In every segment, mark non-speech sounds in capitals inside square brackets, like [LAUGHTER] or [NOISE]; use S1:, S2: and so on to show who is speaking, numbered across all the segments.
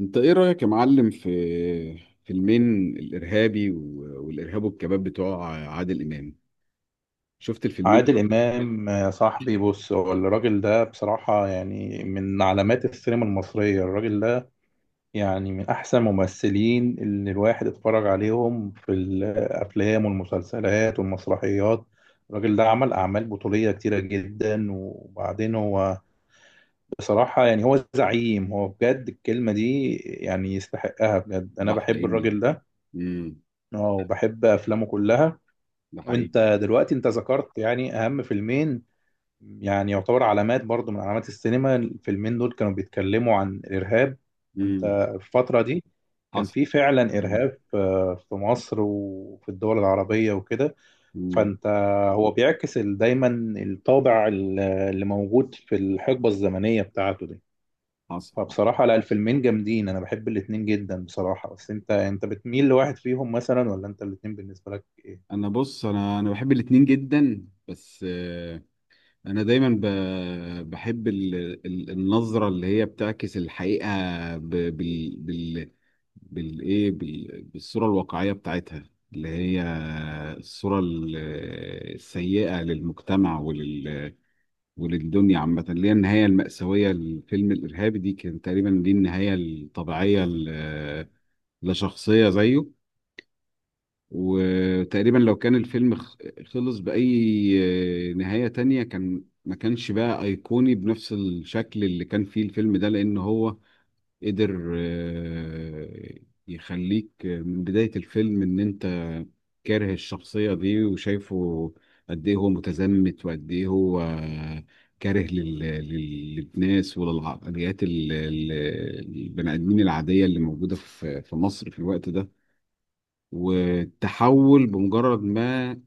S1: انت ايه رأيك يا معلم في فيلمين؟ الارهابي والارهاب والكباب بتوع عادل امام. شفت الفيلمين؟
S2: عادل إمام يا صاحبي، بص، هو الراجل ده بصراحة يعني من علامات السينما المصرية، الراجل ده يعني من أحسن الممثلين اللي الواحد اتفرج عليهم في الأفلام والمسلسلات والمسرحيات. الراجل ده عمل أعمال بطولية كتيرة جدا، وبعدين هو بصراحة يعني هو زعيم، هو بجد الكلمة دي يعني يستحقها بجد، أنا
S1: ده
S2: بحب
S1: حقيقي.
S2: الراجل ده.
S1: امم
S2: آه، وبحب أفلامه كلها.
S1: ده حقيقي.
S2: وانت دلوقتي انت ذكرت يعني اهم فيلمين، يعني يعتبر علامات برضو من علامات السينما، الفيلمين دول كانوا بيتكلموا عن الإرهاب. وانت
S1: امم
S2: في الفترة دي كان
S1: حصل.
S2: في فعلا
S1: امم
S2: إرهاب، في مصر وفي الدول العربية وكده.
S1: امم
S2: فانت هو بيعكس دايما الطابع اللي موجود في الحقبة الزمنية بتاعته دي.
S1: حصل.
S2: فبصراحة لا، الفيلمين جامدين، أنا بحب الاتنين جدا بصراحة. بس انت بتميل لواحد فيهم مثلا، ولا انت الاتنين بالنسبة لك؟
S1: انا بص، انا بحب الاتنين جدا، بس انا دايما بحب النظرة اللي هي بتعكس الحقيقة، ب- بال- بال- بالصوره الواقعيه بتاعتها، اللي هي الصوره السيئه للمجتمع وللدنيا عامة، اللي هي النهاية المأساوية للفيلم الإرهابي. دي كان تقريبا دي النهاية الطبيعية لشخصية زيه. وتقريبا لو كان الفيلم خلص بأي نهاية تانية كان ما كانش بقى أيقوني بنفس الشكل اللي كان فيه الفيلم ده، لأن هو قدر يخليك من بداية الفيلم إن أنت كاره الشخصية دي، وشايفه قد إيه هو متزمت وقد إيه هو كاره للناس وللعقليات البني آدمين العادية اللي موجودة في مصر في الوقت ده. والتحول بمجرد ما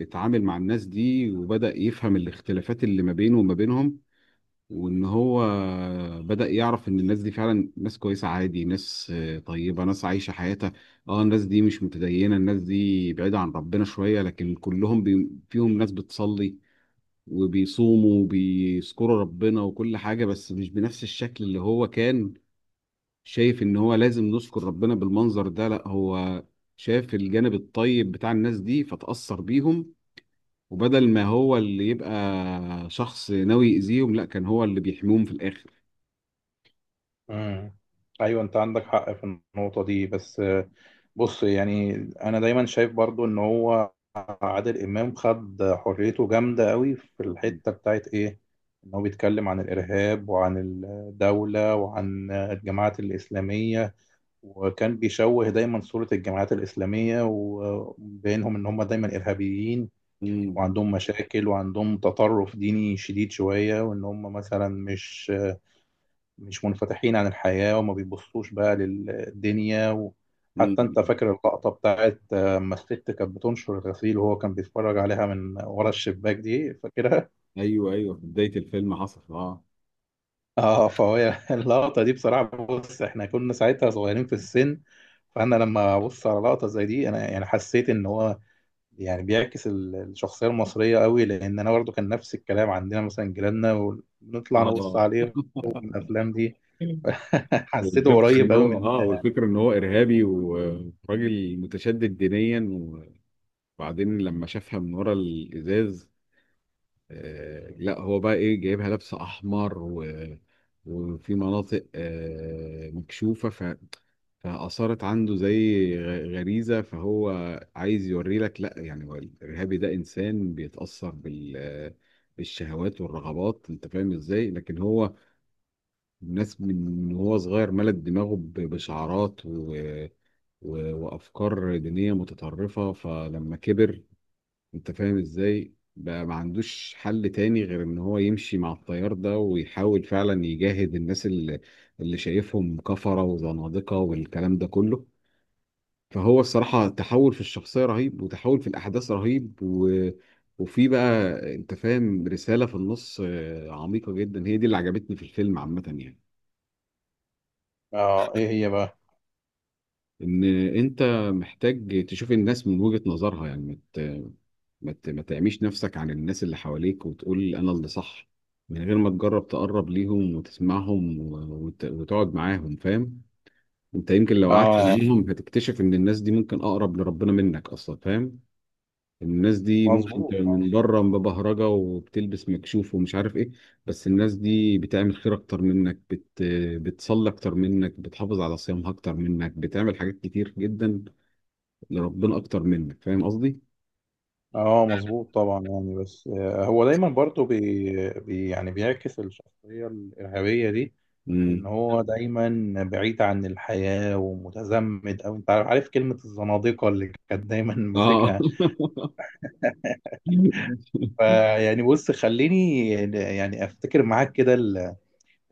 S1: اتعامل مع الناس دي، وبدأ يفهم الاختلافات اللي ما بينه وما بينهم، وان هو بدأ يعرف ان الناس دي فعلا ناس كويسة عادي، ناس طيبة، ناس عايشة حياتها. اه الناس دي مش متدينة، الناس دي بعيدة عن ربنا شوية، لكن كلهم فيهم ناس بتصلي وبيصوموا وبيذكروا ربنا وكل حاجة، بس مش بنفس الشكل اللي هو كان شايف ان هو لازم نذكر ربنا بالمنظر ده. لا، هو شاف الجانب الطيب بتاع الناس دي فتأثر بيهم، وبدل ما هو اللي يبقى شخص ناوي يأذيهم، لا، كان هو اللي بيحميهم في الآخر.
S2: مم. ايوه، انت عندك حق في النقطه دي. بس بص يعني انا دايما شايف برضو ان هو عادل امام خد حريته جامده قوي في الحته بتاعت ايه، ان هو بيتكلم عن الارهاب وعن الدوله وعن الجماعات الاسلاميه. وكان بيشوه دايما صوره الجماعات الاسلاميه، وبينهم ان هم دايما ارهابيين
S1: امم.
S2: وعندهم مشاكل وعندهم تطرف ديني شديد شويه، وان هم مثلا مش منفتحين عن الحياة وما بيبصوش بقى للدنيا.
S1: امم.
S2: وحتى انت
S1: امم.
S2: فاكر اللقطة بتاعت لما الست كانت بتنشر الغسيل وهو كان بيتفرج عليها من ورا الشباك دي، فاكرها؟
S1: ايوه، ايوه، في بدايه الفيلم حصل. اه
S2: اه، فهي [LAUGHS] اللقطة دي بصراحة، بص احنا كنا ساعتها صغيرين في السن، فانا لما ابص على لقطة زي دي انا يعني حسيت ان هو يعني بيعكس الشخصية المصرية قوي، لان انا برضو كان نفس الكلام عندنا، مثلا جيراننا،
S1: اه.
S2: ونطلع نبص
S1: [LAUGHS] آه.
S2: عليهم من الافلام دي. [LAUGHS] حسيته قريب قوي مننا.
S1: والفكره ان هو ارهابي وراجل متشدد دينيا. وبعدين لما شافها من ورا الازاز، لا هو بقى ايه جايبها لابسه احمر، وفي مناطق مكشوفه، فأثارت عنده زي غريزة. فهو عايز يوري لك لا، يعني هو الإرهابي ده إنسان بيتأثر بالشهوات والرغبات، أنت فاهم إزاي؟ لكن هو الناس من وهو صغير ملت دماغه بشعارات وأفكار دينية متطرفة، فلما كبر أنت فاهم إزاي؟ بقى ما عندوش حل تاني غير إن هو يمشي مع التيار ده، ويحاول فعلا يجاهد الناس اللي شايفهم كفرة وزنادقة والكلام ده كله. فهو الصراحة تحول في الشخصية رهيب، وتحول في الأحداث رهيب، وفي بقى أنت فاهم رسالة في النص عميقة جدا، هي دي اللي عجبتني في الفيلم عامة يعني.
S2: اه، ايه هي بقى؟
S1: إن أنت محتاج تشوف الناس من وجهة نظرها، يعني ما تعميش نفسك عن الناس اللي حواليك وتقول أنا اللي صح، من غير ما تجرب تقرب ليهم وتسمعهم وتقعد معاهم، فاهم؟ أنت يمكن لو قعدت [LAUGHS]
S2: اه،
S1: معاهم هتكتشف إن الناس دي ممكن أقرب لربنا منك أصلا، فاهم؟ الناس دي ممكن
S2: مظبوط.
S1: تبقى من بره ببهرجه وبتلبس مكشوف ومش عارف ايه، بس الناس دي بتعمل خير اكتر منك، بتصلي اكتر منك، بتحافظ على صيامها اكتر منك، بتعمل حاجات كتير جدا لربنا اكتر منك، فاهم قصدي؟
S2: اه، مظبوط طبعا يعني. بس هو دايما برضو بي بي يعني بيعكس الشخصية الإرهابية دي، ان
S1: امم.
S2: هو دايما بعيد عن الحياة ومتزمت، او انت عارف كلمة الزنادقة اللي كانت دايما
S1: اه.
S2: ماسكها.
S1: [LAUGHS]
S2: فيعني، بص خليني يعني افتكر معاك كده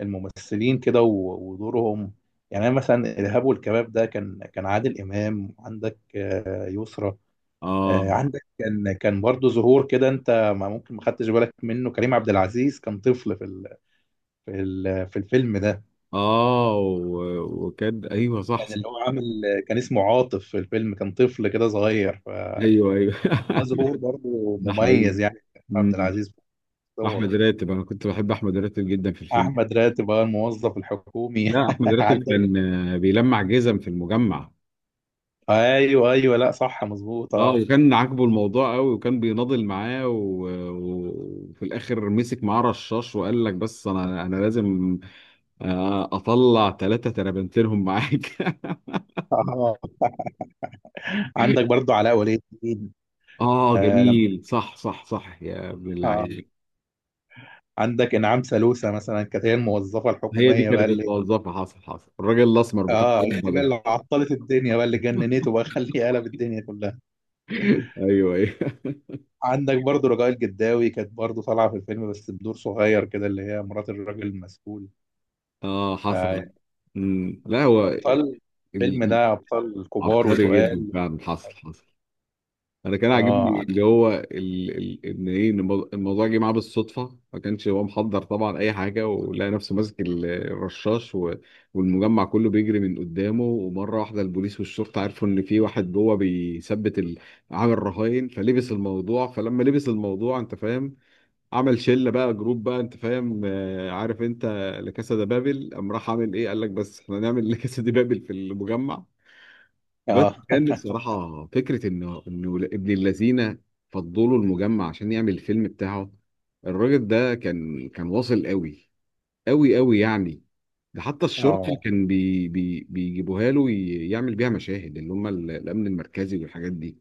S2: الممثلين كده ودورهم. يعني أنا مثلا الإرهاب والكباب ده، كان عادل إمام، عندك يسرا.
S1: اه.
S2: عندك كان برضه ظهور كده، انت ما ممكن ما خدتش بالك منه، كريم عبد العزيز كان طفل في الفيلم ده.
S1: اه. وكان. ايوه، صح،
S2: كان
S1: صح.
S2: اللي هو عامل، كان اسمه عاطف في الفيلم، كان طفل كده صغير، فكان
S1: ايوه، ايوه. [LAUGHS]
S2: ده ظهور برضه
S1: ده حقيقي.
S2: مميز يعني كريم عبد
S1: مم.
S2: العزيز في
S1: احمد
S2: دوره.
S1: راتب، انا كنت بحب احمد راتب جدا في الفيلم.
S2: احمد راتب بقى الموظف الحكومي.
S1: لا،
S2: [LAUGHS]
S1: احمد راتب
S2: عندك،
S1: كان بيلمع جزم في المجمع.
S2: ايوه ايوه، لا صح، مظبوط،
S1: اه،
S2: اه.
S1: وكان عاجبه الموضوع قوي، وكان بيناضل معاه، وفي الاخر مسك معاه رشاش وقال لك بس انا لازم اطلع 3 ترابنتينهم معاك.
S2: آه، عندك برضه علاء ولي الدين.
S1: [LAUGHS] اه،
S2: آه لما
S1: جميل، صح، صح، صح، يا ابن
S2: آه.
S1: اللعيبه.
S2: عندك انعام سالوسة مثلا كانت هي الموظفه
S1: هي دي
S2: الحكوميه بقى
S1: كانت
S2: اللي،
S1: الموظفة، حصل، حصل، الراجل الاسمر بتاع
S2: اه هي دي
S1: الجبهة
S2: بقى
S1: ده.
S2: اللي عطلت الدنيا بقى اللي جننته بقى، [LAUGHS]
S1: [LAUGHS]
S2: خليه قلب الدنيا كلها.
S1: ايوه، ايوه.
S2: عندك برضو رجاء الجداوي، كانت برضو طالعه في الفيلم بس بدور صغير كده، اللي هي مرات الراجل المسؤول.
S1: اه،
S2: آه.
S1: حصل. مم. لا، هو
S2: ابطال الفيلم
S1: ال-
S2: ده ابطال كبار
S1: عبقري جدا
S2: وتقال.
S1: فعلا، حصل، حصل. انا كان عاجبني
S2: اه،
S1: اللي هو ال... ال... ان ايه إن الموضوع، الموضوع جه معاه بالصدفه، ما كانش هو محضر طبعا اي حاجه، ولقى نفسه ماسك الرشاش، والمجمع كله بيجري من قدامه، ومره واحده البوليس والشرطه عرفوا ان في واحد جوه بيثبت عامل رهاين، فلبس الموضوع، فلما لبس الموضوع انت فاهم، عمل شله بقى، جروب بقى انت فاهم، عارف انت لكاسا ده بابل؟ قام راح عامل ايه، قال لك بس احنا نعمل لكاسا دي بابل في المجمع. بس
S2: اه،
S1: كان
S2: [LAUGHS]
S1: الصراحة فكرة إنه ابن اللذينة فضلوا المجمع عشان يعمل الفيلم بتاعه. الراجل ده كان واصل قوي قوي قوي يعني. ده حتى الشرطة اللي
S2: اه.
S1: كان بي بي بيجيبوها له يعمل بيها مشاهد، اللي هم الأمن المركزي والحاجات دي.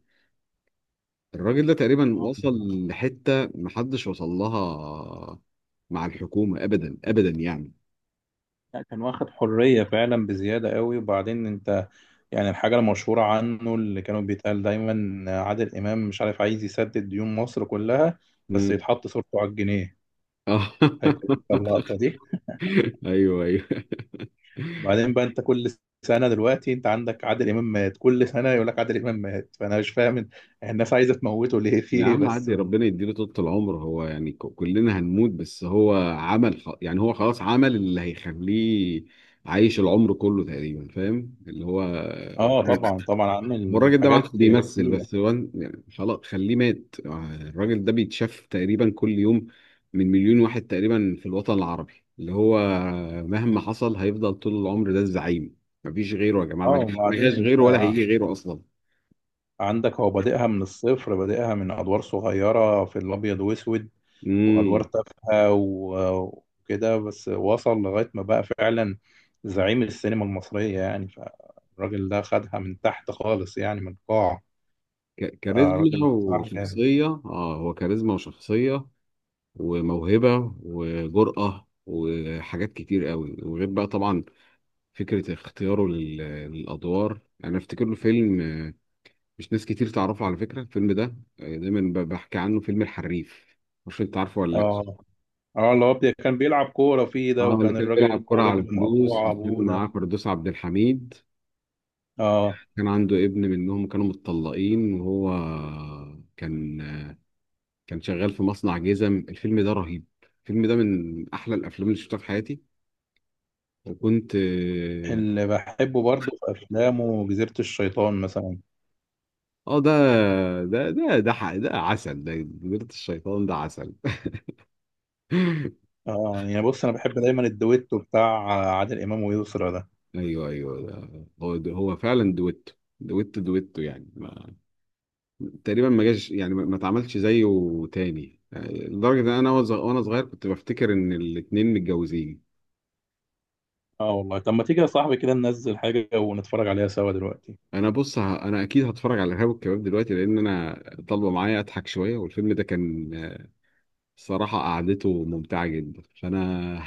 S1: الراجل ده تقريبا
S2: آه،
S1: وصل
S2: بالظبط.
S1: لحتة محدش وصل لها مع الحكومة أبدا، أبدا يعني.
S2: لا، كان واخد حريه فعلا بزياده قوي. وبعدين انت يعني الحاجه المشهوره عنه اللي كانوا بيتقال دايما، عادل امام مش عارف عايز يسدد ديون مصر كلها بس
S1: مم.
S2: يتحط صورته على الجنيه.
S1: اه.
S2: فاكر انت
S1: [LAUGHS]
S2: اللقطه دي؟
S1: ايوه، ايوه.
S2: وبعدين بقى، انت كل سنه دلوقتي انت عندك عادل امام مات، كل سنه يقول لك عادل امام مات، فانا مش فاهم الناس عايزه تموته ليه، في
S1: يا
S2: ايه
S1: عم
S2: بس؟
S1: عدي، ربنا يديله طولة العمر. هو يعني كلنا هنموت، بس هو عمل يعني هو خلاص عمل اللي هيخليه عايش العمر كله تقريبا، فاهم اللي هو [LAUGHS]
S2: اه،
S1: الراجل ده.
S2: طبعا طبعا
S1: هو
S2: عامل
S1: الراجل ده ما عادش
S2: حاجات
S1: بيمثل
S2: تقيله.
S1: بس، هو يعني خلاص خليه مات، الراجل ده بيتشاف تقريبا كل يوم من مليون واحد تقريبا في الوطن العربي، اللي هو مهما حصل هيفضل طول العمر ده الزعيم. مفيش غيره يا جماعة،
S2: اه،
S1: ما جاش، ما
S2: وبعدين
S1: جاش
S2: انت
S1: غيره، ولا هيجي غيره أصلا.
S2: عندك هو بادئها من الصفر، بادئها من ادوار صغيره في الابيض واسود، وادوار تافهه وكده، بس وصل لغايه ما بقى فعلا زعيم السينما المصريه يعني، فالراجل ده خدها من تحت خالص يعني من القاع.
S1: ك- كاريزما
S2: فالراجل بصراحه جامد.
S1: وشخصية اه هو كاريزما وشخصية وموهبة وجرأة وحاجات كتير قوي، وغير بقى طبعا فكرة اختياره للأدوار. أنا أفتكر له فيلم، مش ناس كتير تعرفه على فكرة الفيلم ده، دايما بحكي عنه، فيلم الحريف، مش أنت عارفه ولا لأ؟
S2: اه. اه، اللي هو كان بيلعب كورة فيه
S1: اه،
S2: ده،
S1: اللي
S2: وكان
S1: كان
S2: الراجل
S1: بيلعب كرة على
S2: ورجله
S1: فلوس،
S2: مقطوعة
S1: وكان
S2: أبوه ده.
S1: معاه فردوس عبد الحميد،
S2: اه،
S1: كان عنده ابن منهم، كانوا متطلقين، وهو كان كان شغال في مصنع جزم. الفيلم ده رهيب، الفيلم ده من احلى الافلام اللي شفتها في حياتي، وكنت اه.
S2: اللي بحبه برضه في أفلامه جزيرة الشيطان مثلا.
S1: آه، ده ده عسل، ده جبلة الشيطان ده عسل. [LAUGHS]
S2: اه، يعني بص أنا بحب دايما الدويتو بتاع عادل إمام ويسرا ده.
S1: ايوه، ايوه، ده هو، ده هو فعلا دويتو، دويتو، دويتو، يعني ما تقريبا ما جاش، يعني ما اتعملش زيه تاني، يعني لدرجه ان انا وانا صغير كنت بفتكر ان الاتنين متجوزين.
S2: اه والله، طب ما تيجي يا صاحبي كده ننزل حاجة ونتفرج عليها سوا دلوقتي؟
S1: انا بص، انا اكيد هتفرج على الارهاب والكباب دلوقتي، لان انا طالبه معايا اضحك شويه، والفيلم ده كان الصراحة قعدته ممتعة جدا، فأنا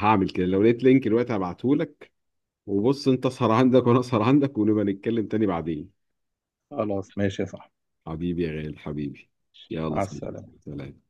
S1: هعمل كده، لو لقيت لينك دلوقتي هبعتهولك، وبص، أنت اسهر عندك وأنا اسهر عندك، ونبقى نتكلم تاني بعدين.
S2: خلاص ماشي يا صاحبي.
S1: حبيبي يا غالي، حبيبي. يلا،
S2: مع
S1: سلام،
S2: السلامة.
S1: سلام.